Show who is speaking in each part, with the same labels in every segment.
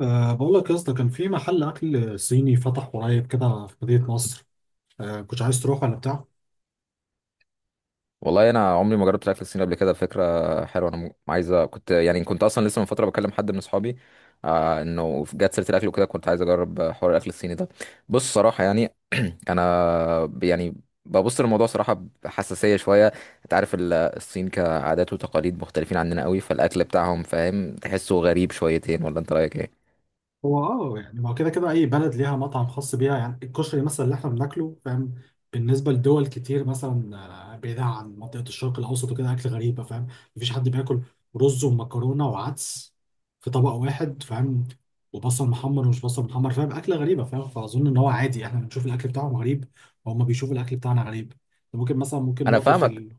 Speaker 1: بقول لك يا اسطى، كان في محل اكل صيني فتح قريب كده في مدينة نصر. كنت عايز تروح ولا بتاع؟
Speaker 2: والله انا عمري ما جربت الاكل الصيني قبل كده. فكره حلوه، انا عايزه. كنت كنت اصلا لسه من فتره بكلم حد من اصحابي، آه، انه جت سيره الاكل وكده. كنت عايز اجرب حوار الاكل الصيني ده. بص، صراحه انا ببص للموضوع صراحه بحساسيه شويه. انت عارف الصين كعادات وتقاليد مختلفين عننا قوي، فالاكل بتاعهم، فاهم، تحسه غريب شويتين، ولا انت رايك ايه؟
Speaker 1: هو يعني ما هو كده كده، اي بلد ليها مطعم خاص بيها. يعني الكشري مثلا اللي احنا بناكله، فاهم؟ بالنسبة لدول كتير مثلا بعيدة عن منطقة الشرق الاوسط وكده، اكل غريبة، فاهم؟ مفيش حد بياكل رز ومكرونة وعدس في طبق واحد، فاهم؟ وبصل محمر ومش بصل محمر، فاهم؟ اكلة غريبة، فاهم؟ فاظن ان هو عادي، احنا بنشوف الاكل بتاعهم غريب وهم بيشوفوا الاكل بتاعنا غريب. ممكن مثلا ممكن
Speaker 2: انا
Speaker 1: نقطة
Speaker 2: فاهمك.
Speaker 1: ال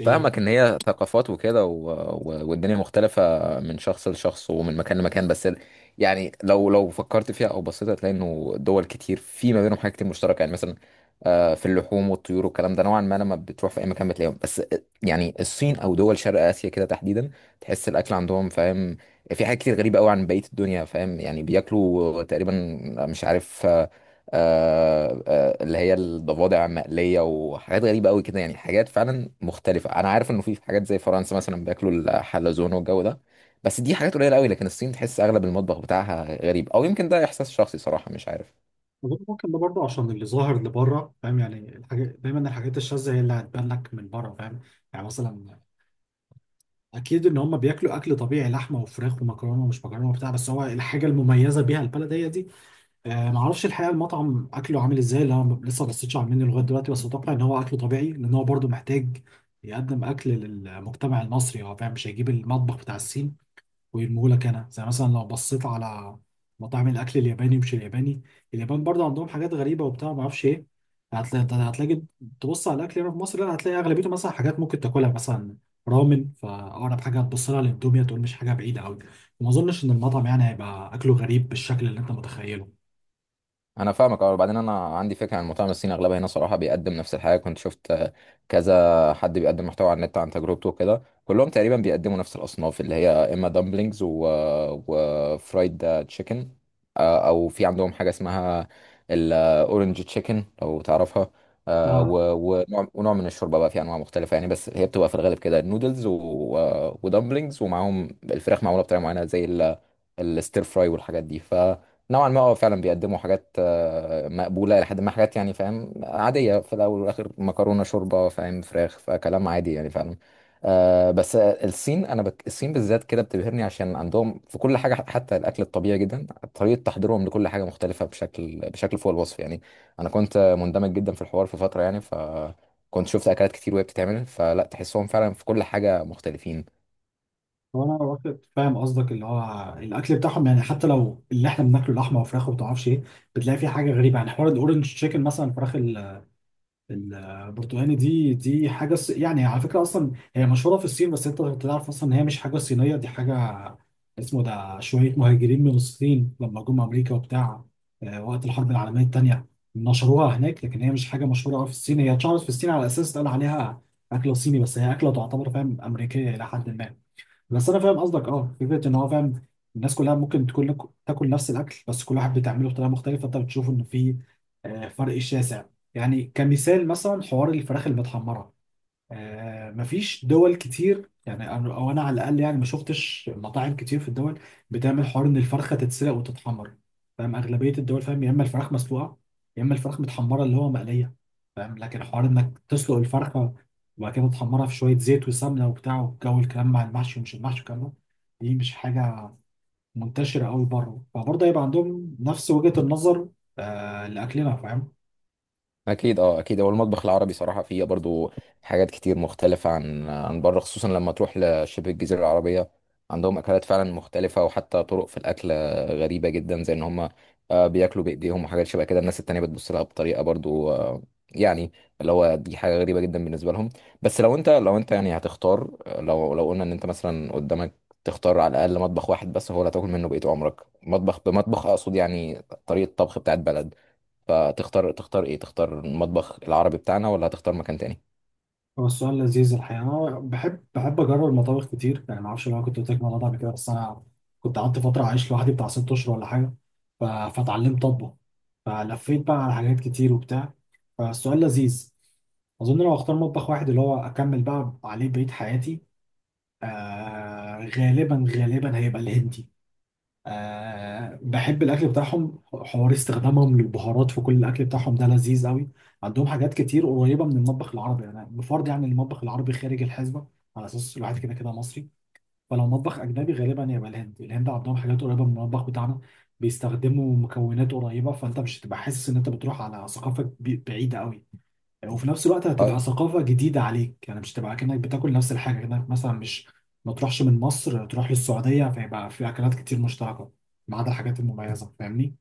Speaker 1: إيه،
Speaker 2: فاهمك ان هي ثقافات وكده، والدنيا مختلفة من شخص لشخص ومن مكان لمكان، بس يعني لو فكرت فيها او بصيت، هتلاقي انه دول كتير في ما بينهم حاجات كتير مشتركة. يعني مثلا، آه، في اللحوم والطيور والكلام ده نوعا ما، لما بتروح في اي مكان بتلاقيهم. بس يعني الصين او دول شرق اسيا كده تحديدا، تحس الاكل عندهم، فاهم، في حاجات كتير غريبة قوي عن بقية الدنيا، فاهم. يعني بياكلوا تقريبا، مش عارف، اللي هي الضفادع المقلية وحاجات غريبة قوي كده. يعني حاجات فعلا مختلفة. أنا عارف إنه في حاجات زي فرنسا مثلا بياكلوا الحلزون والجو ده، بس دي حاجات قليلة قوي. لكن الصين تحس أغلب المطبخ بتاعها غريب، أو يمكن ده إحساس شخصي صراحة، مش عارف.
Speaker 1: أظن ممكن ده برضه عشان اللي ظاهر اللي بره، فاهم؟ يعني الحاجات، دايما الحاجات الشاذة هي اللي هتبان لك من بره، فاهم؟ يعني مثلا أكيد إن هم بياكلوا أكل طبيعي، لحمة وفراخ ومكرونة ومش مكرونة وبتاع، بس هو الحاجة المميزة بيها البلد هي دي. معرفش الحقيقة المطعم أكله عامل إزاي، اللي أنا لسه ما بصيتش على المنيو لغاية دلوقتي، بس أتوقع إن هو أكله طبيعي، لأن هو برضه محتاج يقدم أكل للمجتمع المصري. هو فاهم، مش هيجيب المطبخ بتاع الصين ويرموهولك. انا زي مثلا لو بصيت على مطاعم الاكل الياباني، مش الياباني، اليابان برضه عندهم حاجات غريبه وبتاع، ما اعرفش ايه. هتلاقي هتلاقي تبص على الاكل هنا في مصر، لا هتلاقي اغلبيته مثلا حاجات ممكن تاكلها، مثلا رامن، فاقرب حاجه هتبص لها للاندوميا، تقول مش حاجه بعيده قوي. وما اظنش ان المطعم يعني هيبقى اكله غريب بالشكل اللي انت متخيله.
Speaker 2: انا فاهمك. اه، وبعدين انا عندي فكره عن المطاعم الصيني، اغلبها هنا صراحه بيقدم نفس الحاجه. كنت شفت كذا حد بيقدم محتوى على النت عن تجربته وكده، كلهم تقريبا بيقدموا نفس الاصناف، اللي هي اما دامبلينجز وفرايد تشيكن، او في عندهم حاجه اسمها الاورنج تشيكن لو تعرفها،
Speaker 1: اه
Speaker 2: ونوع من الشوربه. بقى في انواع مختلفه يعني، بس هي بتبقى في الغالب كده نودلز ودامبلينجز، ومعاهم الفراخ معموله بطريقه معينه زي الستير فراي والحاجات دي. ف نوعا ما اه فعلا بيقدموا حاجات مقبولة لحد ما. حاجات يعني، فاهم، عادية. في الأول والآخر مكرونة، شوربة، فاهم، فراخ، فكلام عادي يعني فعلا. آه بس آه، الصين، أنا الصين بالذات كده بتبهرني، عشان عندهم في كل حاجة حتى الأكل الطبيعي جدا، طريقة تحضيرهم لكل حاجة مختلفة بشكل فوق الوصف يعني. أنا كنت مندمج جدا في الحوار في فترة يعني، ف كنت شفت أكلات كتير وهي بتتعمل، فلا تحسهم فعلا في كل حاجة مختلفين.
Speaker 1: هو انا واخد، فاهم قصدك، اللي هو الاكل بتاعهم يعني حتى لو اللي احنا بناكله لحمه وفراخ وما تعرفش ايه، بتلاقي فيه حاجه غريبه. يعني حوار الاورنج تشيكن مثلا، الفراخ البرتقاني دي يعني على فكرة أصلا هي مشهورة في الصين، بس أنت تعرف أصلا إن هي مش حاجة صينية، دي حاجة اسمه ده شوية مهاجرين من الصين لما جم أمريكا وبتاع وقت الحرب العالمية التانية نشروها هناك. لكن هي مش حاجة مشهورة أوي في الصين، هي اتشهرت في الصين على أساس اتقال عليها أكلة صيني، بس هي أكلة تعتبر فاهم أمريكية إلى حد ما. بس انا فاهم قصدك، فكره ان هو فاهم الناس كلها ممكن تكون لك تاكل نفس الاكل، بس كل واحد بتعمله بطريقه مختلفه، فانت بتشوف ان في فرق شاسع. يعني كمثال مثلا حوار الفراخ المتحمره، مفيش دول كتير يعني، أنا- او انا على الاقل يعني ما شفتش مطاعم كتير في الدول بتعمل حوار ان الفرخه تتسلق وتتحمر، فاهم؟ اغلبيه الدول فاهم، يا اما الفراخ مسلوقه يا اما الفراخ متحمره اللي هو مقليه، فاهم؟ لكن حوار انك تسلق الفرخه وبعد كده تحمرها في شويه زيت وسمنه وبتاع والجو الكلام، مع المحشي ومش المحشي والكلام ده، دي مش حاجه منتشره قوي بره. فبرضه هيبقى عندهم نفس وجهه النظر لاكلنا، فاهم؟
Speaker 2: اكيد، اه اكيد. هو المطبخ العربي صراحه فيه برضو حاجات كتير مختلفه عن بره، خصوصا لما تروح لشبه الجزيره العربيه، عندهم اكلات فعلا مختلفه، وحتى طرق في الاكل غريبه جدا، زي ان هم، بياكلوا بايديهم وحاجات شبه كده. الناس التانية بتبص لها بطريقه برضو، يعني اللي هو دي حاجه غريبه جدا بالنسبه لهم. بس لو انت يعني هتختار، لو قلنا ان انت مثلا قدامك تختار على الاقل مطبخ واحد بس هو اللي هتاكل منه بقيت عمرك، مطبخ بمطبخ اقصد يعني، طريقه طبخ بتاعت بلد، تختار ايه؟ تختار المطبخ العربي بتاعنا ولا هتختار مكان تاني؟
Speaker 1: هو السؤال لذيذ الحقيقة، أنا بحب أجرب المطابخ كتير، يعني ما أعرفش لو أنا كنت قلت لك الموضوع ده قبل كده، بس أنا كنت قعدت فترة عايش لوحدي بتاع 6 أشهر ولا حاجة، فاتعلمت أطبخ، فلفيت بقى على حاجات كتير وبتاع. فالسؤال لذيذ، أظن لو أختار مطبخ واحد اللي هو أكمل بقى عليه بقية حياتي، غالبا غالبا هيبقى الهندي. بحب الاكل بتاعهم، حوار استخدامهم للبهارات في كل الاكل بتاعهم ده لذيذ قوي. عندهم حاجات كتير قريبه من المطبخ العربي، انا بفرض يعني المطبخ العربي خارج الحسبه على اساس الواحد كده كده مصري. فلو مطبخ اجنبي غالبا يبقى الهند، الهند عندهم حاجات قريبه من المطبخ بتاعنا، بيستخدموا مكونات قريبه، فانت مش هتبقى حاسس ان انت بتروح على ثقافه بعيده قوي، وفي نفس الوقت هتبقى
Speaker 2: اه،
Speaker 1: ثقافة جديدة عليك. يعني مش هتبقى كأنك بتاكل نفس الحاجة، كأنك مثلا مش ما تروحش من مصر تروح للسعودية، فيبقى في أكلات كتير مشتركة ما عدا الحاجات المميزة، فاهمني؟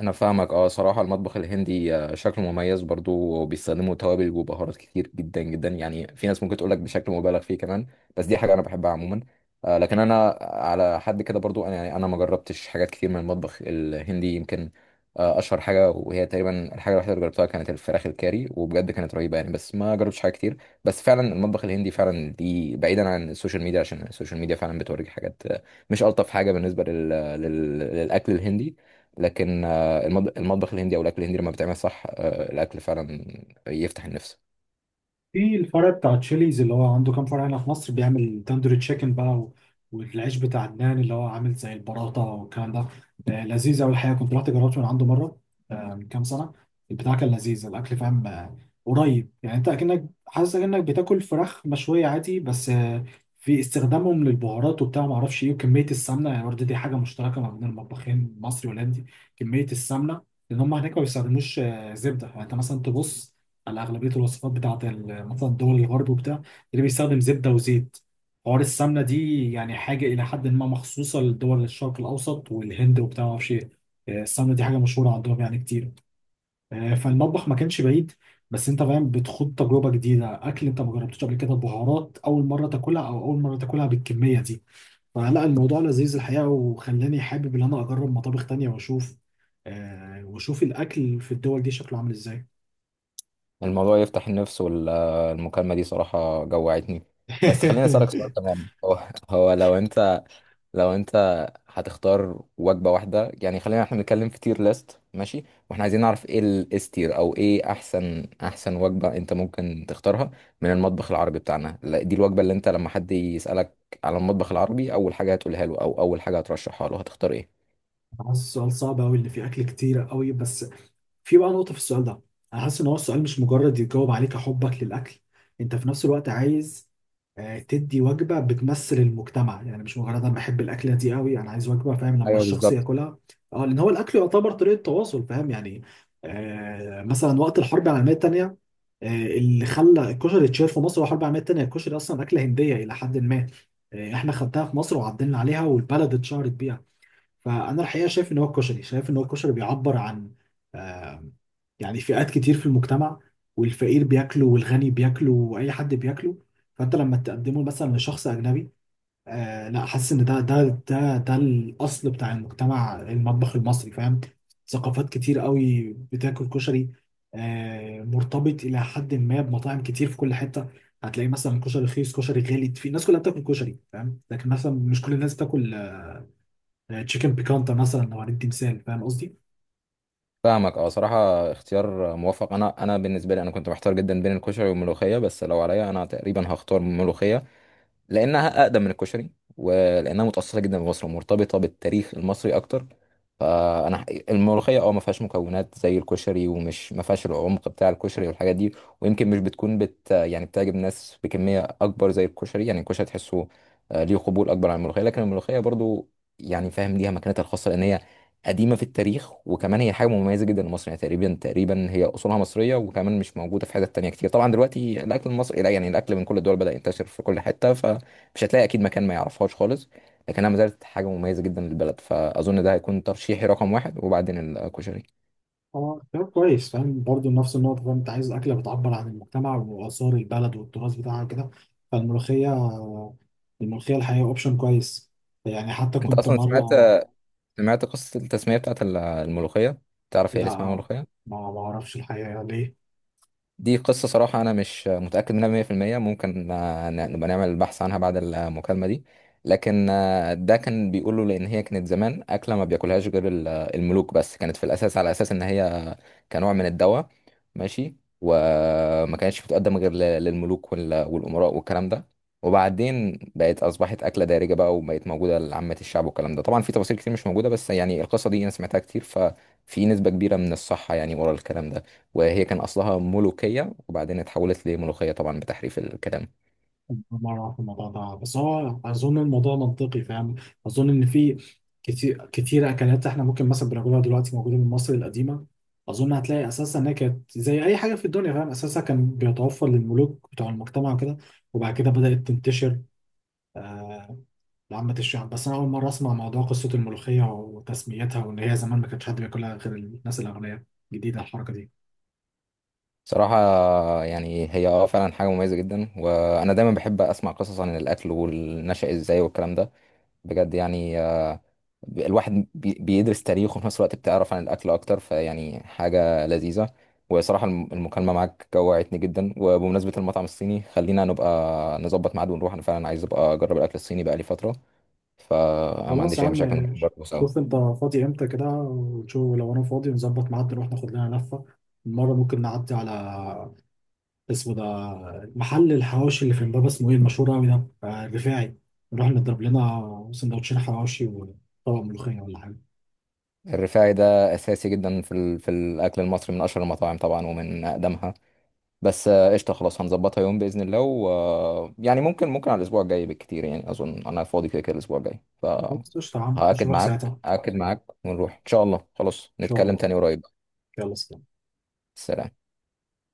Speaker 2: انا فاهمك. اه، صراحة المطبخ الهندي شكله مميز برضو، وبيستخدموا توابل وبهارات كتير جدا جدا، يعني في ناس ممكن تقولك بشكل مبالغ فيه كمان، بس دي حاجة انا بحبها عموما. لكن انا على حد كده برضو، انا ما جربتش حاجات كتير من المطبخ الهندي. يمكن اشهر حاجة، وهي تقريبا الحاجة الوحيدة اللي جربتها، كانت الفراخ الكاري، وبجد كانت رهيبة يعني، بس ما جربتش حاجة كتير. بس فعلا المطبخ الهندي فعلا دي، بعيدا عن السوشيال ميديا، عشان السوشيال ميديا فعلا بتوريك حاجات مش الطف حاجة بالنسبة للاكل الهندي. لكن المطبخ الهندي او الاكل الهندي لما بيتعمل صح، الاكل فعلا يفتح النفس.
Speaker 1: في الفرع بتاع تشيليز اللي هو عنده كام فرع هنا في مصر، بيعمل تندوري تشيكن بقى و... والعيش بتاع عدنان اللي هو عامل زي البراطة والكلام ده، لذيذ أوي الحقيقة. كنت رحت جربت من عنده مرة من كام سنة، البتاع كان لذيذ الأكل، فاهم؟ قريب يعني، أنت أكنك حاسس أكنك بتاكل فراخ مشوية عادي، بس في استخدامهم للبهارات وبتاع معرفش إيه وكمية السمنة، يعني برضه دي حاجة مشتركة ما بين المطبخين المصري والهولندي، كمية السمنة. لأن هم هناك ما بيستخدموش زبدة. يعني أنت مثلا تبص على اغلبيه الوصفات بتاعت ال- مثلا دول الغرب وبتاع، اللي بيستخدم زبده وزيت. حوار السمنه دي يعني حاجه الى حد ما مخصوصه لدول الشرق الاوسط والهند وبتاع، ما اعرفش ايه. السمنه دي حاجه مشهوره عندهم يعني كتير. فالمطبخ ما كانش بعيد، بس انت فاهم بتخوض تجربه جديده، اكل انت ما جربتوش قبل كده، بهارات اول مره تاكلها او اول مره تاكلها بالكميه دي. فلا الموضوع لذيذ الحقيقه، وخلاني حابب ان انا اجرب مطابخ تانية واشوف واشوف الاكل في الدول دي شكله عامل ازاي.
Speaker 2: الموضوع يفتح النفس، والمكالمه دي صراحه جوعتني. بس خليني اسالك سؤال كمان. هو هو لو انت لو انت هتختار وجبه واحده، يعني خلينا احنا نتكلم في تير ليست، ماشي؟ واحنا عايزين نعرف ايه الاس تير، او ايه احسن وجبه انت ممكن تختارها من المطبخ العربي بتاعنا. لا، دي الوجبه اللي انت لما حد يسالك على المطبخ العربي، اول حاجه هتقولها له او اول حاجه هترشحها له، هتختار ايه؟
Speaker 1: حاسس السؤال صعب قوي اللي فيه اكل كتير قوي، بس في بقى نقطه في السؤال ده، انا حاسس ان هو السؤال مش مجرد يجاوب عليك حبك للاكل، انت في نفس الوقت عايز تدي وجبه بتمثل المجتمع، يعني مش مجرد انا بحب الاكله دي قوي، انا عايز وجبه فاهم لما
Speaker 2: ايوه،
Speaker 1: الشخص
Speaker 2: بالظبط.
Speaker 1: ياكلها اه، لان هو الاكل يعتبر طريقه تواصل، فاهم يعني؟ مثلا وقت الحرب العالميه الثانيه اللي خلى الكشري يتشهر في مصر هو الحرب العالميه الثانيه. الكشري اصلا اكله هنديه الى حد ما، احنا خدناها في مصر وعدلنا عليها والبلد اتشهرت بيها. فانا الحقيقه شايف ان هو الكشري، بيعبر عن آم، يعني فئات كتير في المجتمع، والفقير بياكله والغني بياكله واي حد بياكله. فانت لما تقدمه مثلا لشخص اجنبي لا، حاسس ان ده الاصل بتاع المجتمع المطبخ المصري، فاهم؟ ثقافات كتير قوي بتاكل كشري، مرتبط الى حد ما بمطاعم كتير في كل حته، هتلاقي مثلا كشري رخيص كشري غالي، في الناس كلها بتاكل كشري، فاهم؟ لكن مثلا مش كل الناس بتاكل تشيكن بيكانتا مثلا لو هندي مثال، فاهم قصدي؟
Speaker 2: فاهمك. اه صراحة اختيار موفق. انا بالنسبة لي، انا كنت محتار جدا بين الكشري والملوخية، بس لو عليا انا تقريبا هختار الملوخية، لانها اقدم من الكشري، ولانها متاصله جدا بمصر ومرتبطه بالتاريخ المصري اكتر. فانا ح- الملوخيه اه ما فيهاش مكونات زي الكشري، ومش ما فيهاش العمق بتاع الكشري والحاجات دي، ويمكن مش بتكون بت يعني بتعجب ناس بكميه اكبر زي الكشري. يعني الكشري تحسه ليه قبول اكبر عن الملوخيه، لكن الملوخيه برضو يعني، فاهم، ليها مكانتها الخاصه، لان هي قديمه في التاريخ، وكمان هي حاجه مميزه جدا لمصر، يعني تقريبا هي اصولها مصريه، وكمان مش موجوده في حتت تانية كتير. طبعا دلوقتي الاكل المصري، لا يعني الاكل من كل الدول بدا ينتشر في كل حته، مش هتلاقي اكيد مكان ما يعرفهاش خالص، لكنها ما زالت حاجه مميزه جدا للبلد. فاظن ده هيكون ترشيحي رقم واحد، وبعدين الكشري.
Speaker 1: اه اختيار كويس، فاهم برضه نفس النقطة، فاهم انت عايز أكلة بتعبر عن المجتمع وآثار البلد والتراث بتاعها كده. فالملوخية، الملوخية الحقيقة أوبشن كويس، يعني حتى
Speaker 2: انت
Speaker 1: كنت
Speaker 2: اصلا
Speaker 1: مرة.
Speaker 2: سمعت قصه التسميه بتاعت الملوخيه؟ تعرف هي
Speaker 1: لا،
Speaker 2: اللي اسمها ملوخيه؟
Speaker 1: ما أعرفش الحقيقة ليه.
Speaker 2: دي قصة صراحة أنا مش متأكد منها 100%. ممكن نبقى نعمل بحث عنها بعد المكالمة دي. لكن ده كان بيقوله، لأن هي كانت زمان أكلة ما بياكلهاش غير الملوك بس، كانت في الأساس على أساس إن هي كنوع من الدواء ماشي، وما كانتش بتقدم غير للملوك والأمراء والكلام ده، وبعدين بقت، أصبحت أكلة دارجة بقى، وبقت موجودة لعامة الشعب والكلام ده. طبعا في تفاصيل كتير مش موجودة، بس يعني القصة دي أنا سمعتها كتير، ففي نسبة كبيرة من الصحة يعني ورا الكلام ده. وهي كان أصلها ملوكية وبعدين اتحولت لملوخية، طبعا بتحريف الكلام.
Speaker 1: الله يعرف في الموضوع ده، بس هو اظن الموضوع منطقي، فاهم؟ اظن ان في كتير كتير اكلات احنا ممكن مثلا بناكلها دلوقتي موجوده من مصر القديمه. اظن هتلاقي اساسا انها كانت زي اي حاجه في الدنيا، فاهم؟ اساسا كان بيتوفر للملوك بتوع المجتمع وكده، وبعد كده بدات تنتشر آه، لعامه الشعب. بس انا اول مره اسمع موضوع قصه الملوخيه وتسميتها، وان هي زمان ما كانش حد بياكلها غير الناس الاغنياء، جديده الحركه دي.
Speaker 2: صراحة يعني هي اه فعلا حاجة مميزة جدا، وأنا دايما بحب أسمع قصص عن الأكل والنشأ إزاي والكلام ده. بجد يعني، الواحد بيدرس تاريخ وفي نفس الوقت بتعرف عن الأكل أكتر، فيعني حاجة لذيذة. وصراحة المكالمة معاك جوعتني جدا. وبمناسبة المطعم الصيني، خلينا نبقى نظبط ميعاد ونروح، أنا فعلا عايز أبقى أجرب الأكل الصيني بقالي فترة، فما
Speaker 1: خلاص
Speaker 2: عنديش
Speaker 1: يا
Speaker 2: أي مشاكل نروح
Speaker 1: عم،
Speaker 2: برضه سوا.
Speaker 1: شوف انت فاضي امتى كده وشوف لو انا فاضي، نظبط ميعاد نروح ناخد لنا لفة. المرة ممكن نعدي على اسمه ده، محل الحواوشي اللي في امبابة، اسمه ايه المشهور قوي ده، الرفاعي. نروح نضرب لنا سندوتشين حواوشي وطبق ملوخية ولا حاجة.
Speaker 2: الرفاعي ده اساسي جدا في في الاكل المصري، من اشهر المطاعم طبعا ومن اقدمها. بس قشطه، خلاص هنظبطها يوم باذن الله، و... آه، يعني ممكن على الاسبوع الجاي بالكتير، يعني اظن انا فاضي كده كده الاسبوع الجاي.
Speaker 1: خلاص قشطة يا عم،
Speaker 2: فهاكد
Speaker 1: نشوفك ساعتها
Speaker 2: معاك
Speaker 1: ان
Speaker 2: هاكد معاك ونروح ان شاء الله. خلاص
Speaker 1: شاء
Speaker 2: نتكلم
Speaker 1: الله.
Speaker 2: تاني قريب.
Speaker 1: يلا سلام.
Speaker 2: سلام.